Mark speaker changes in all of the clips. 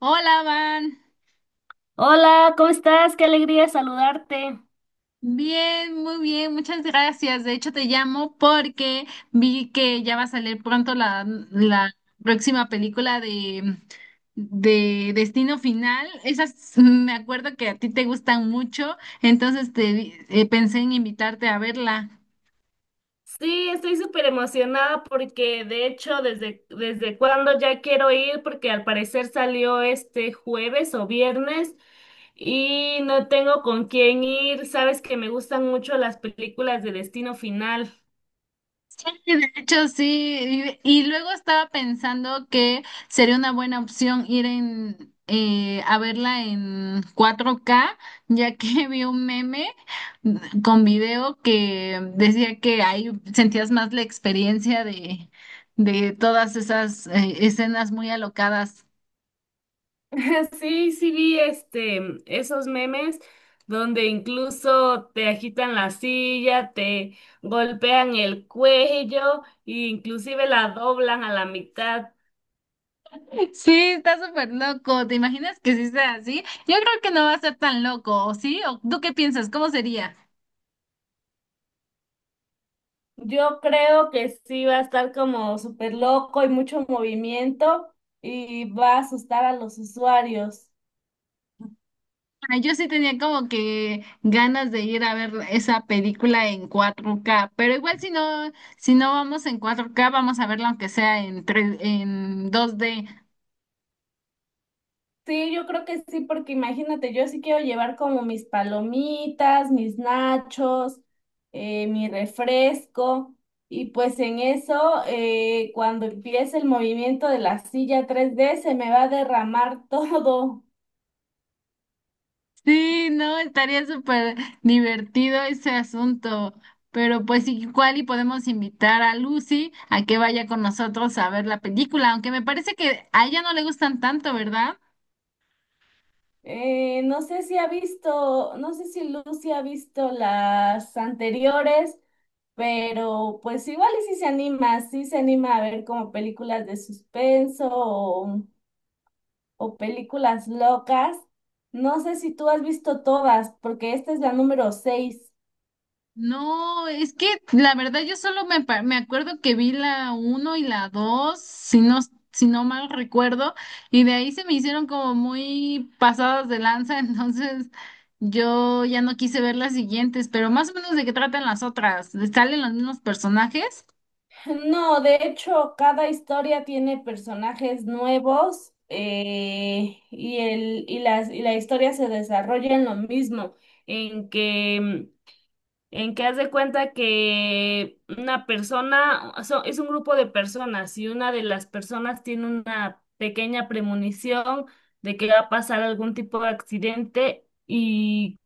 Speaker 1: Hola, Van.
Speaker 2: Hola, ¿cómo estás? Qué alegría saludarte.
Speaker 1: Bien, muy bien, muchas gracias. De hecho, te llamo porque vi que ya va a salir pronto la próxima película de Destino Final. Esas me acuerdo que a ti te gustan mucho, entonces pensé en invitarte a verla.
Speaker 2: Sí, estoy súper emocionada porque de hecho desde cuando ya quiero ir porque al parecer salió este jueves o viernes y no tengo con quién ir. Sabes que me gustan mucho las películas de Destino Final.
Speaker 1: Sí, de hecho, sí, y luego estaba pensando que sería una buena opción ir a verla en 4K, ya que vi un meme con video que decía que ahí sentías más la experiencia de todas esas escenas muy alocadas.
Speaker 2: Sí, sí vi esos memes donde incluso te agitan la silla, te golpean el cuello e inclusive la doblan a la mitad.
Speaker 1: Sí, está súper loco. ¿Te imaginas que sí sea así? Yo creo que no va a ser tan loco, ¿o sí? ¿O tú qué piensas? ¿Cómo sería?
Speaker 2: Yo creo que sí va a estar como súper loco y mucho movimiento y va a asustar a los usuarios.
Speaker 1: Ah, yo sí tenía como que ganas de ir a ver esa película en 4K, pero igual si no vamos en 4K vamos a verla aunque sea en 3 en 2D.
Speaker 2: Sí, yo creo que sí, porque imagínate, yo sí quiero llevar como mis palomitas, mis nachos, mi refresco y pues en eso, cuando empiece el movimiento de la silla 3D se me va a derramar todo.
Speaker 1: Sí, no, estaría súper divertido ese asunto, pero pues igual y podemos invitar a Lucy a que vaya con nosotros a ver la película, aunque me parece que a ella no le gustan tanto, ¿verdad?
Speaker 2: No sé si Lucy ha visto las anteriores, pero pues igual y si se anima, sí se anima a ver como películas de suspenso o películas locas. No sé si tú has visto todas, porque esta es la número 6.
Speaker 1: No, es que la verdad yo solo me acuerdo que vi la uno y la 2, si no mal recuerdo, y de ahí se me hicieron como muy pasadas de lanza, entonces yo ya no quise ver las siguientes, pero más o menos de qué tratan las otras, ¿salen los mismos personajes?
Speaker 2: No, de hecho, cada historia tiene personajes nuevos, y la historia se desarrolla en lo mismo, en que... en que haz de cuenta que una persona, o sea, es un grupo de personas y una de las personas tiene una pequeña premonición de que va a pasar algún tipo de accidente y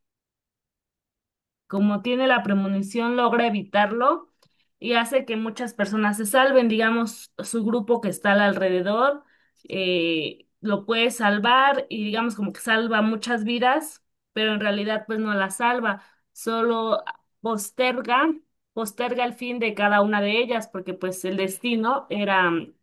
Speaker 2: como tiene la premonición, logra evitarlo y hace que muchas personas se salven, digamos, su grupo que está al alrededor, lo puede salvar y digamos como que salva muchas vidas, pero en realidad pues no las salva, solo posterga, posterga el fin de cada una de ellas, porque pues el destino era,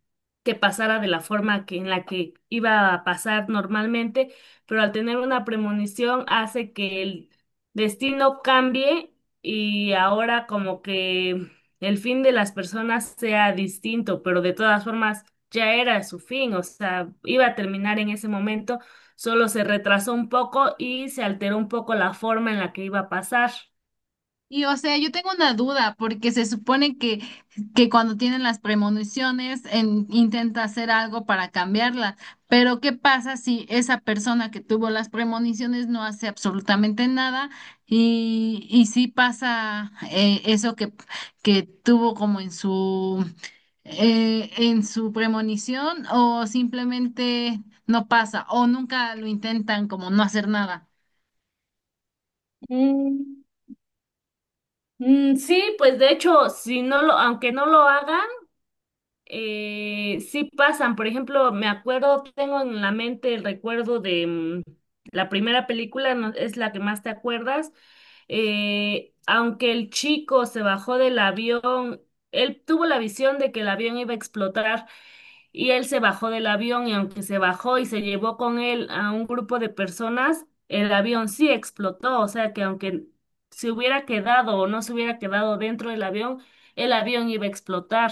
Speaker 2: que pasara de la forma que, en la que iba a pasar normalmente, pero al tener una premonición hace que el destino cambie y ahora como que el fin de las personas sea distinto, pero de todas formas ya era su fin, o sea, iba a terminar en ese momento, solo se retrasó un poco y se alteró un poco la forma en la que iba a pasar.
Speaker 1: Y o sea, yo tengo una duda, porque se supone que, cuando tienen las premoniciones intenta hacer algo para cambiarla, pero ¿qué pasa si esa persona que tuvo las premoniciones no hace absolutamente nada y sí pasa eso que tuvo como en su premonición o simplemente no pasa o nunca lo intentan como no hacer nada?
Speaker 2: Mm, mm, sí, pues de hecho, aunque no lo haga, sí pasan, por ejemplo, me acuerdo, tengo en la mente el recuerdo de, la primera película, es la que más te acuerdas, aunque el chico se bajó del avión, él tuvo la visión de que el avión iba a explotar y él se bajó del avión y aunque se bajó y se llevó con él a un grupo de personas, el avión sí explotó, o sea que aunque se hubiera quedado o no se hubiera quedado dentro del avión, el avión iba a explotar.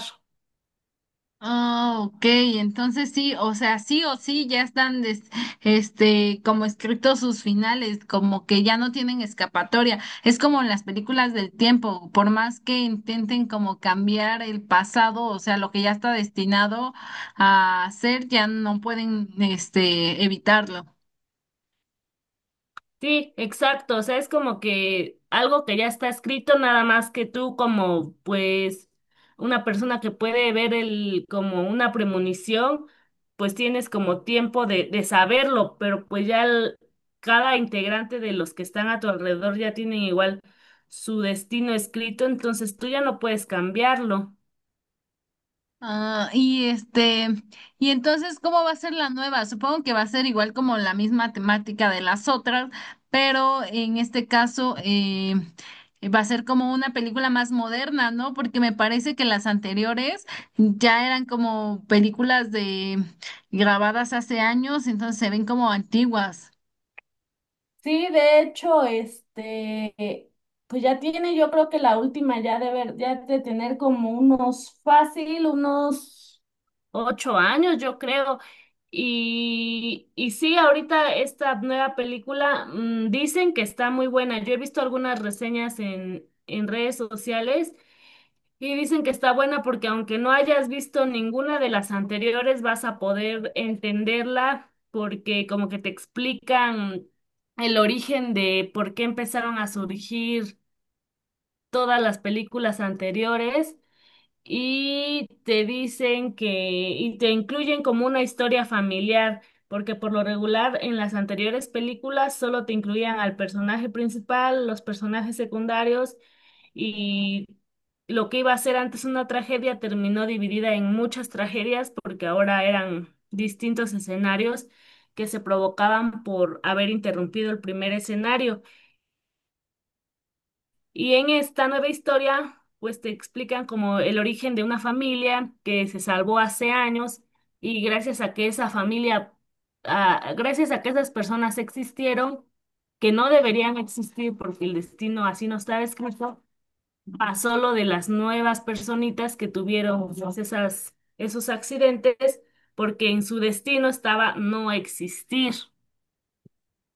Speaker 1: Ah, ok, entonces sí, o sea, sí o sí ya están este como escritos sus finales, como que ya no tienen escapatoria. Es como en las películas del tiempo, por más que intenten como cambiar el pasado, o sea, lo que ya está destinado a hacer, ya no pueden este evitarlo.
Speaker 2: Sí, exacto. O sea, es como que algo que ya está escrito, nada más que tú, como pues una persona que puede ver el como una premonición, pues tienes como tiempo de saberlo, pero pues ya cada integrante de los que están a tu alrededor ya tienen igual su destino escrito, entonces tú ya no puedes cambiarlo.
Speaker 1: Ah, y este, y entonces, ¿cómo va a ser la nueva? Supongo que va a ser igual como la misma temática de las otras, pero en este caso va a ser como una película más moderna, ¿no? Porque me parece que las anteriores ya eran como películas de grabadas hace años, entonces se ven como antiguas.
Speaker 2: Sí, de hecho, pues ya tiene, yo creo que la última ya de ver, ya de tener como unos 8 años, yo creo. Y sí, ahorita esta nueva película, dicen que está muy buena. Yo he visto algunas reseñas en redes sociales y dicen que está buena porque aunque no hayas visto ninguna de las anteriores, vas a poder entenderla porque como que te explican el origen de por qué empezaron a surgir todas las películas anteriores y te incluyen como una historia familiar, porque por lo regular en las anteriores películas solo te incluían al personaje principal, los personajes secundarios, y lo que iba a ser antes una tragedia terminó dividida en muchas tragedias porque ahora eran distintos escenarios que se provocaban por haber interrumpido el primer escenario. Y en esta nueva historia, pues te explican como el origen de una familia que se salvó hace años y gracias a que esas personas existieron, que no deberían existir porque el destino así no estaba escrito, pasó lo de las nuevas personitas que tuvieron, pues, esos accidentes porque en su destino estaba no existir.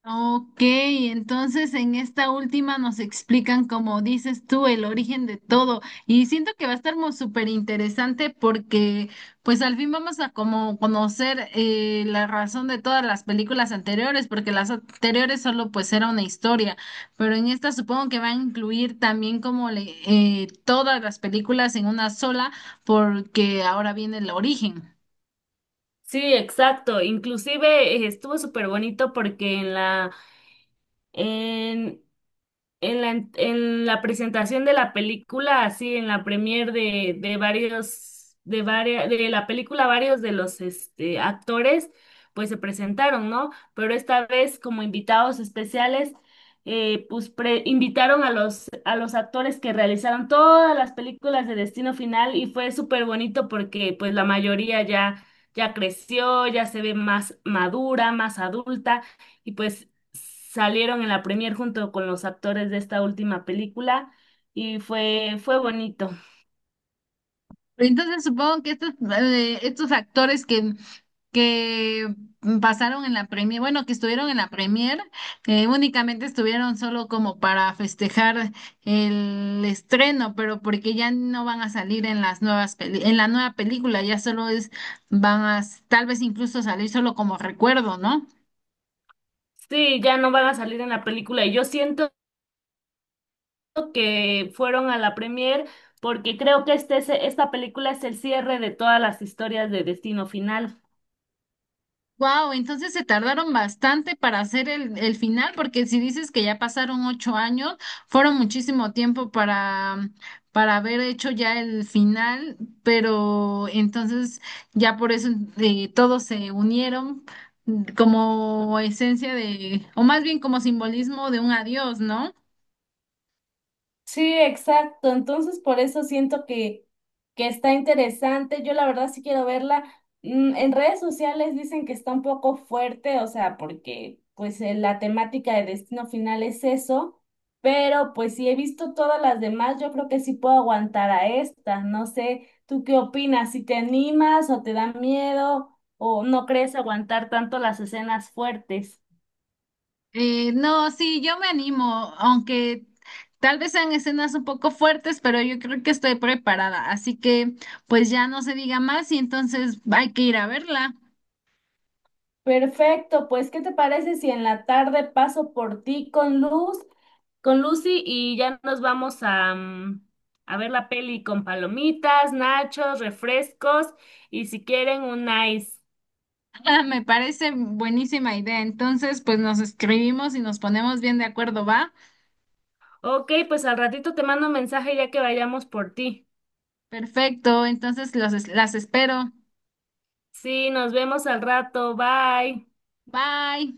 Speaker 1: Ok, entonces en esta última nos explican, como dices tú, el origen de todo. Y siento que va a estar muy súper interesante porque pues al fin vamos a como conocer la razón de todas las películas anteriores, porque las anteriores solo pues era una historia, pero en esta supongo que va a incluir también como todas las películas en una sola porque ahora viene el origen.
Speaker 2: Sí, exacto. Inclusive, estuvo súper bonito porque En, en la presentación de la película, así en la premier de de varias, de la película, varios de los, actores, pues se presentaron, ¿no? Pero esta vez, como invitados especiales, pues invitaron a los actores que realizaron todas las películas de Destino Final y fue súper bonito porque pues la mayoría ya creció, ya se ve más madura, más adulta. Y pues salieron en la premier junto con los actores de esta última película y fue bonito.
Speaker 1: Entonces supongo que estos actores que, pasaron en la premier, bueno, que estuvieron en la premier, únicamente estuvieron solo como para festejar el estreno, pero porque ya no van a salir en las en la nueva película, ya solo es, tal vez incluso salir solo como recuerdo, ¿no?
Speaker 2: Sí, ya no van a salir en la película y yo siento que fueron a la premier porque creo que esta película es el cierre de todas las historias de Destino Final.
Speaker 1: Wow, entonces se tardaron bastante para hacer el final, porque si dices que ya pasaron 8 años, fueron muchísimo tiempo para haber hecho ya el final, pero entonces ya por eso todos se unieron como esencia de, o más bien como simbolismo de un adiós, ¿no?
Speaker 2: Sí, exacto. Entonces, por eso siento que está interesante. Yo la verdad sí quiero verla. En redes sociales dicen que está un poco fuerte, o sea, porque pues, la temática de Destino Final es eso, pero pues si he visto todas las demás, yo creo que sí puedo aguantar a esta. No sé, ¿tú qué opinas? ¿Si te animas o te da miedo o no crees aguantar tanto las escenas fuertes?
Speaker 1: No, sí, yo me animo, aunque tal vez sean escenas un poco fuertes, pero yo creo que estoy preparada, así que pues ya no se diga más y entonces hay que ir a verla.
Speaker 2: Perfecto, pues ¿qué te parece si en la tarde paso por ti con luz? Con Lucy y ya nos vamos a ver la peli con palomitas, nachos, refrescos y si quieren un ice.
Speaker 1: Me parece buenísima idea, entonces pues nos escribimos y nos ponemos bien de acuerdo, ¿va?
Speaker 2: Ok, pues al ratito te mando un mensaje ya que vayamos por ti.
Speaker 1: Perfecto, entonces las espero.
Speaker 2: Sí, nos vemos al rato. Bye.
Speaker 1: Bye.